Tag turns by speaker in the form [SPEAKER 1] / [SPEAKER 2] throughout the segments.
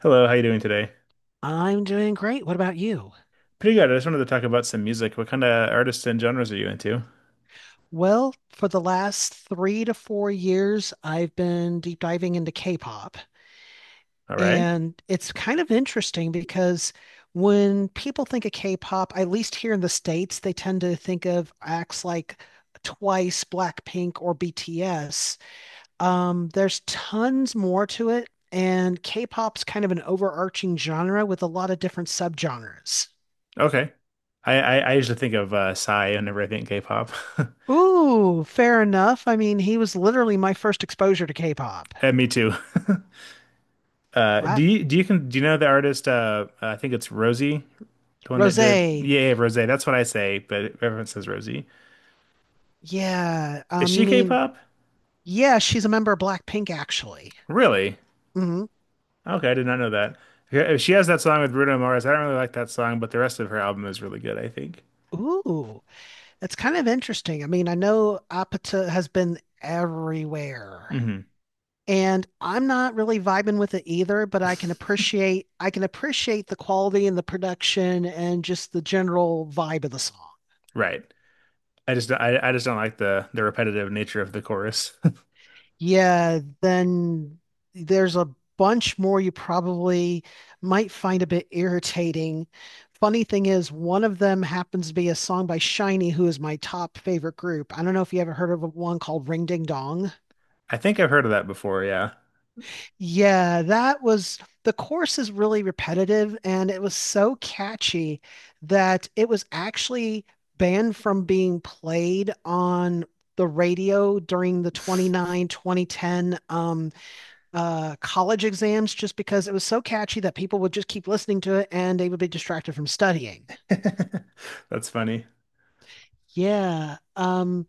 [SPEAKER 1] Hello, how you doing today?
[SPEAKER 2] I'm doing great. What about you?
[SPEAKER 1] Pretty good. I just wanted to talk about some music. What kind of artists and genres are you into?
[SPEAKER 2] Well, for the last 3 to 4 years, I've been deep diving into K-pop.
[SPEAKER 1] All right.
[SPEAKER 2] And it's kind of interesting because when people think of K-pop, at least here in the States, they tend to think of acts like Twice, Blackpink, or BTS. There's tons more to it. And K-pop's kind of an overarching genre with a lot of different subgenres.
[SPEAKER 1] Okay. I usually think of Psy whenever I think K-pop.
[SPEAKER 2] Ooh, fair enough. I mean, he was literally my first exposure to K-pop.
[SPEAKER 1] And me too. Do
[SPEAKER 2] What?
[SPEAKER 1] you do you can do you know the artist? I think it's Rosie, the one that did,
[SPEAKER 2] Rosé.
[SPEAKER 1] yeah, Rosé. That's what I say, but everyone says Rosie.
[SPEAKER 2] Yeah.
[SPEAKER 1] Is she K-pop?
[SPEAKER 2] Yeah, she's a member of Blackpink, actually.
[SPEAKER 1] Really?
[SPEAKER 2] Hmm.
[SPEAKER 1] Okay, I did not know that. Yeah, she has that song with Bruno Mars. I don't really like that song, but the rest of her album is really good, I think.
[SPEAKER 2] Ooh, that's kind of interesting. I mean, I know Apata has been everywhere.
[SPEAKER 1] hmm
[SPEAKER 2] And I'm not really vibing with it either, but I can appreciate the quality and the production and just the general vibe of the song.
[SPEAKER 1] Right. I just don't like the repetitive nature of the chorus.
[SPEAKER 2] Yeah, then there's a bunch more you probably might find a bit irritating. Funny thing is, one of them happens to be a song by Shiny, who is my top favorite group. I don't know if you ever heard of one called Ring Ding Dong.
[SPEAKER 1] I think I've heard of that before, yeah.
[SPEAKER 2] Yeah, that was the chorus is really repetitive and it was so catchy that it was actually banned from being played on the radio during the 2010 um college exams just because it was so catchy that people would just keep listening to it and they would be distracted from studying.
[SPEAKER 1] That's funny.
[SPEAKER 2] Yeah.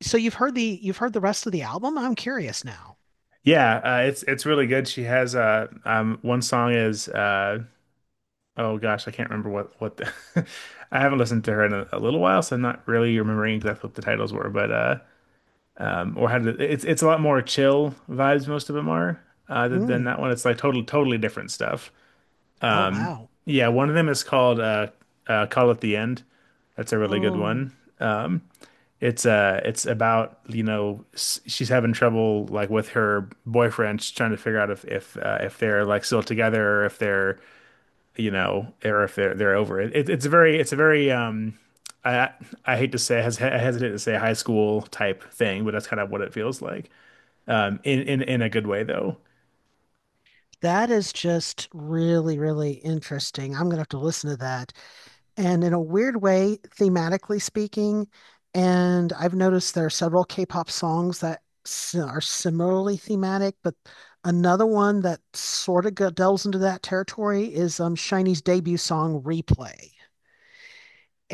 [SPEAKER 2] So you've heard the rest of the album? I'm curious now.
[SPEAKER 1] Yeah, it's really good. She has one song is oh gosh, I can't remember what the I haven't listened to her in a little while, so I'm not really remembering exactly what the titles were, but or how did it's a lot more chill vibes, most of them are, than
[SPEAKER 2] Mm.
[SPEAKER 1] that one. It's like totally different stuff.
[SPEAKER 2] Oh wow.
[SPEAKER 1] Yeah, one of them is called Call at the End. That's a really good
[SPEAKER 2] Oh,
[SPEAKER 1] one. Um, It's it's about, you know, she's having trouble like with her boyfriend. She's trying to figure out if if they're like still together or if they're, you know, or if they're over it. It's a very um, I I hate to say I hes- I hesitate to say high school type thing, but that's kind of what it feels like. Um, in a good way though.
[SPEAKER 2] that is just really, really interesting. I'm gonna have to listen to that. And in a weird way, thematically speaking. And I've noticed there are several K-pop songs that are similarly thematic, but another one that sort of delves into that territory is Shiny's debut song, Replay.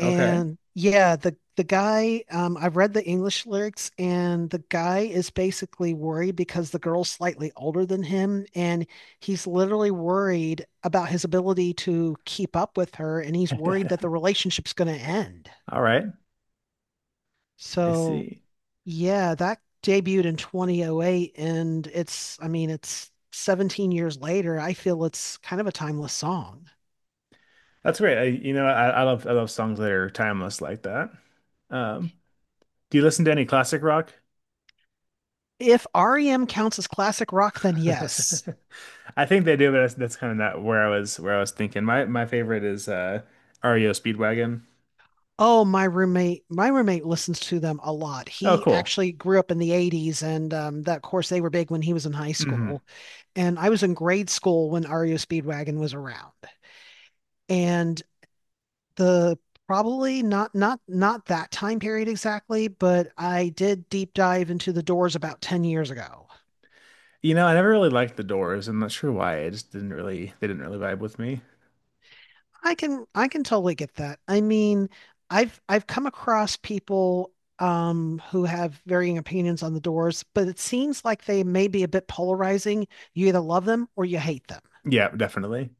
[SPEAKER 1] Okay.
[SPEAKER 2] yeah, the guy, I've read the English lyrics, and the guy is basically worried because the girl's slightly older than him, and he's literally worried about his ability to keep up with her, and he's worried that the relationship's going to end.
[SPEAKER 1] All right. I
[SPEAKER 2] So
[SPEAKER 1] see.
[SPEAKER 2] yeah, that debuted in 2008, and it's, I mean, it's 17 years later. I feel it's kind of a timeless song.
[SPEAKER 1] That's great. I love songs that are timeless like that. Um, do you listen to any classic rock?
[SPEAKER 2] If REM counts as classic rock, then yes.
[SPEAKER 1] I think they do, but that's kind of not where I was where I was thinking. My favorite is REO Speedwagon.
[SPEAKER 2] Oh, my roommate listens to them a lot.
[SPEAKER 1] Oh,
[SPEAKER 2] He
[SPEAKER 1] cool.
[SPEAKER 2] actually grew up in the 80s and that of course they were big when he was in high
[SPEAKER 1] hmm
[SPEAKER 2] school. And I was in grade school when REO Speedwagon was around. And the probably not that time period exactly, but I did deep dive into the Doors about 10 years ago.
[SPEAKER 1] You know, I never really liked the Doors. I'm not sure why. I just didn't really they didn't really vibe with me.
[SPEAKER 2] I can totally get that. I mean, I've come across people who have varying opinions on the Doors, but it seems like they may be a bit polarizing. You either love them or you hate them.
[SPEAKER 1] Yeah, definitely.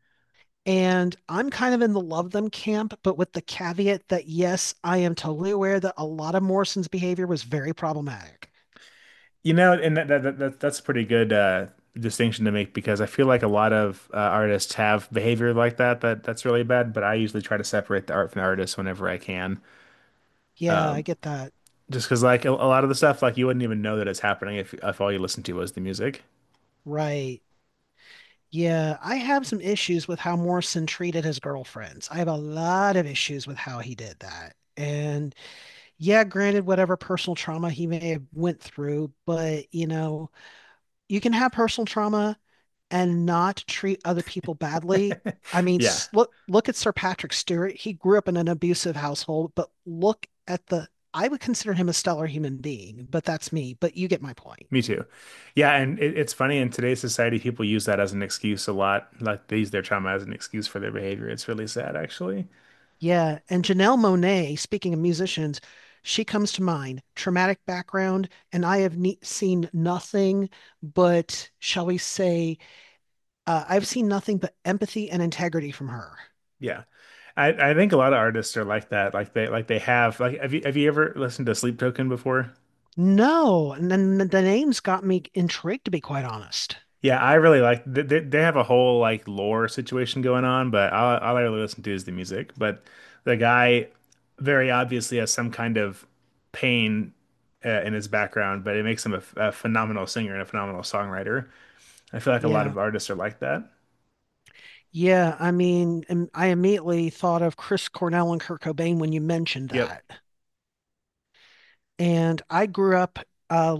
[SPEAKER 2] And I'm kind of in the love them camp, but with the caveat that yes, I am totally aware that a lot of Morrison's behavior was very problematic.
[SPEAKER 1] You know, and that, that, that that- that's a pretty good distinction to make because I feel like a lot of artists have behavior like that that's really bad, but I usually try to separate the art from the artist whenever I can.
[SPEAKER 2] Yeah, I
[SPEAKER 1] Um,
[SPEAKER 2] get that.
[SPEAKER 1] just because like a lot of the stuff, like you wouldn't even know that it's happening if all you listened to was the music.
[SPEAKER 2] Right. Yeah, I have some issues with how Morrison treated his girlfriends. I have a lot of issues with how he did that. And yeah, granted, whatever personal trauma he may have went through, but you know, you can have personal trauma and not treat other people badly. I mean,
[SPEAKER 1] Yeah,
[SPEAKER 2] look at Sir Patrick Stewart. He grew up in an abusive household, but look at the I would consider him a stellar human being, but that's me. But you get my point.
[SPEAKER 1] me too. Yeah, and it's funny in today's society, people use that as an excuse a lot. Like they use their trauma as an excuse for their behavior. It's really sad, actually.
[SPEAKER 2] Yeah, and Janelle Monae, speaking of musicians, she comes to mind. Traumatic background, and I have ne seen nothing but, shall we say, I've seen nothing but empathy and integrity from her.
[SPEAKER 1] Yeah. I think a lot of artists are like that. Like they have like have you ever listened to Sleep Token before?
[SPEAKER 2] No, and then the names got me intrigued, to be quite honest.
[SPEAKER 1] Yeah, I really like, they have a whole like lore situation going on, but all I really listen to is the music. But the guy very obviously has some kind of pain, in his background, but it makes him a, a phenomenal singer and a phenomenal songwriter. I feel like a lot of
[SPEAKER 2] Yeah,
[SPEAKER 1] artists are like that.
[SPEAKER 2] yeah. I mean, I immediately thought of Chris Cornell and Kurt Cobain when you mentioned
[SPEAKER 1] Yep.
[SPEAKER 2] that. And I grew up uh,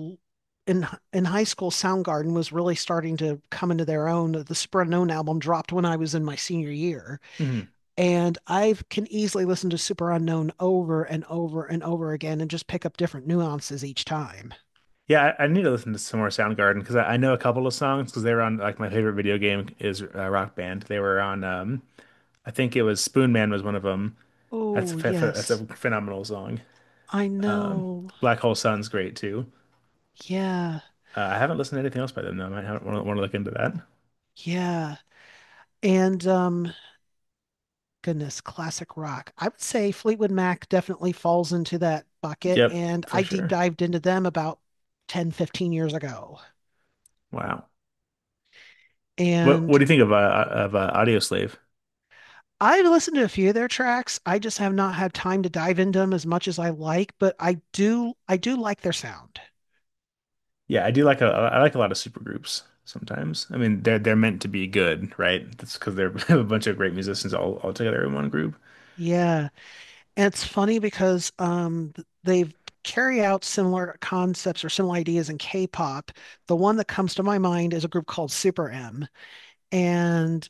[SPEAKER 2] in high school. Soundgarden was really starting to come into their own. The Super Unknown album dropped when I was in my senior year,
[SPEAKER 1] hmm
[SPEAKER 2] and I can easily listen to Super Unknown over and over and over again and just pick up different nuances each time.
[SPEAKER 1] Yeah, I need to listen to some more Soundgarden because I know a couple of songs because they were on, like, my favorite video game is Rock Band. They were on um, I think it was Spoon Man was one of them.
[SPEAKER 2] Oh,
[SPEAKER 1] That's a
[SPEAKER 2] yes.
[SPEAKER 1] phenomenal song.
[SPEAKER 2] I know.
[SPEAKER 1] Black Hole Sun's great too.
[SPEAKER 2] Yeah.
[SPEAKER 1] I haven't listened to anything else by them though. I might want to look into that.
[SPEAKER 2] Yeah. And goodness, classic rock. I would say Fleetwood Mac definitely falls into that bucket
[SPEAKER 1] Yep,
[SPEAKER 2] and
[SPEAKER 1] for
[SPEAKER 2] I deep
[SPEAKER 1] sure.
[SPEAKER 2] dived into them about 10, 15 years ago.
[SPEAKER 1] Wow. What
[SPEAKER 2] And
[SPEAKER 1] do you think of Audio Slave?
[SPEAKER 2] I've listened to a few of their tracks. I just have not had time to dive into them as much as I like, but I do like their sound.
[SPEAKER 1] Yeah, I do like a I like a lot of supergroups sometimes. I mean, they're meant to be good, right? That's because they're a bunch of great musicians all together in one group.
[SPEAKER 2] Yeah. And it's funny because they carry out similar concepts or similar ideas in K-pop. The one that comes to my mind is a group called Super M, and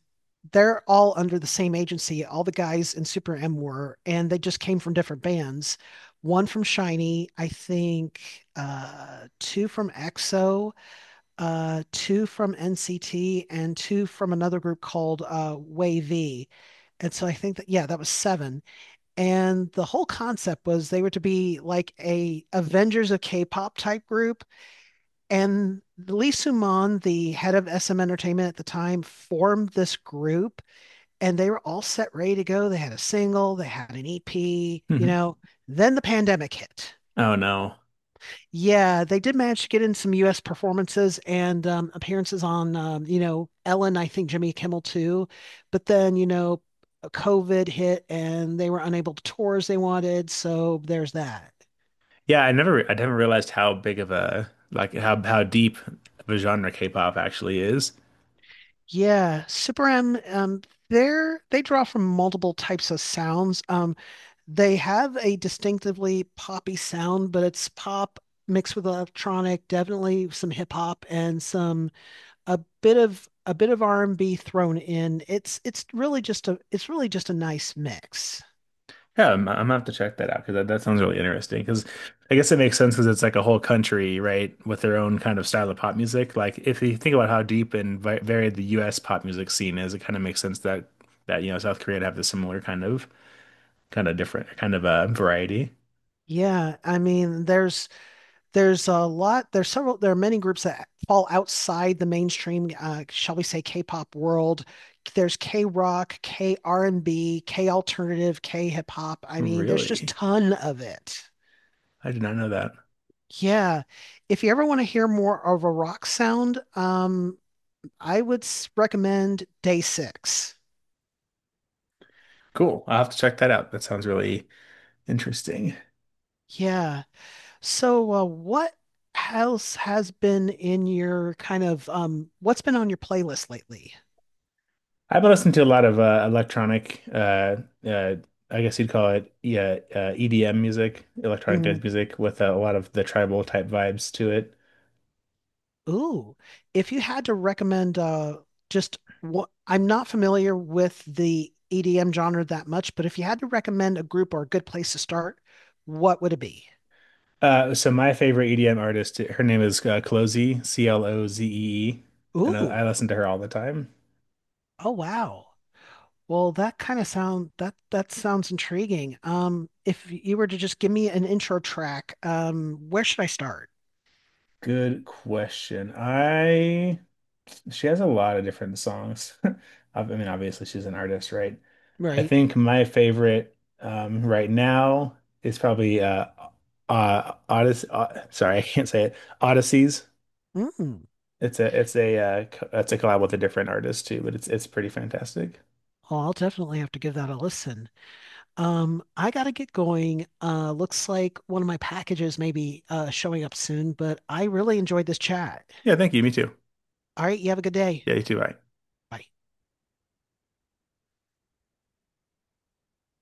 [SPEAKER 2] they're all under the same agency. All the guys in Super M were, and they just came from different bands. One from Shinee, I think, two from EXO, two from NCT, and two from another group called Wavy. And so I think that, yeah, that was seven and the whole concept was they were to be like a Avengers of K-pop type group. And Lee Soo Suman, the head of SM Entertainment at the time, formed this group, and they were all set ready to go. They had a single, they had an EP, you
[SPEAKER 1] Mhm.
[SPEAKER 2] know. Then the pandemic hit,
[SPEAKER 1] Oh no.
[SPEAKER 2] yeah, they did manage to get in some U.S. performances and appearances on, you know, Ellen, I think Jimmy Kimmel too. But then, you know, COVID hit and they were unable to tour as they wanted. So there's that.
[SPEAKER 1] Yeah, I never realized how big of a, like, how deep of a genre K-pop actually is.
[SPEAKER 2] Yeah, Super M, they're, they draw from multiple types of sounds. They have a distinctively poppy sound, but it's pop mixed with electronic, definitely some hip hop and some a bit of R&B thrown in. It's really just a it's really just a nice mix.
[SPEAKER 1] Yeah, I'm gonna have to check that out because that sounds really interesting. Because I guess it makes sense because it's like a whole country, right, with their own kind of style of pop music. Like if you think about how deep and vi varied the U.S. pop music scene is, it kind of makes sense that you know South Korea would have the similar kind of different kind of variety.
[SPEAKER 2] Yeah, I mean, there's a lot, there's several, there are many groups that fall outside the mainstream shall we say k-pop world. There's k-rock, k-r&b, k-alternative, k-hip-hop. I mean, there's just
[SPEAKER 1] Really,
[SPEAKER 2] ton of it.
[SPEAKER 1] I did not know that.
[SPEAKER 2] Yeah, if you ever want to hear more of a rock sound, I would recommend Day Six.
[SPEAKER 1] Cool. I'll have to check that out. That sounds really interesting.
[SPEAKER 2] Yeah, so what else has been in your kind of what's been on your playlist lately?
[SPEAKER 1] I've been listening to a lot of electronic, uh, I guess you'd call it, yeah, EDM music, electronic dance music, with a lot of the tribal type vibes to it.
[SPEAKER 2] Ooh, if you had to recommend just what, I'm not familiar with the EDM genre that much, but if you had to recommend a group or a good place to start, what would it be?
[SPEAKER 1] So my favorite EDM artist, her name is Clozie, CloZee, and I
[SPEAKER 2] Ooh.
[SPEAKER 1] listen to her all the time.
[SPEAKER 2] Oh wow. Well, that kind of sound, that that sounds intriguing. If you were to just give me an intro track, where should I start?
[SPEAKER 1] Good question. I She has a lot of different songs. I mean, obviously she's an artist, right? I
[SPEAKER 2] Right.
[SPEAKER 1] think my favorite right now is probably Odyssey, sorry, I can't say it. Odysseys.
[SPEAKER 2] Mm.
[SPEAKER 1] It's a it's a collab with a different artist too, but it's pretty fantastic.
[SPEAKER 2] Well, I'll definitely have to give that a listen. I gotta get going. Looks like one of my packages may be showing up soon, but I really enjoyed this chat.
[SPEAKER 1] Yeah, thank you. Me too.
[SPEAKER 2] All right, you have a good day.
[SPEAKER 1] Yeah, you too. Bye.
[SPEAKER 2] Bye.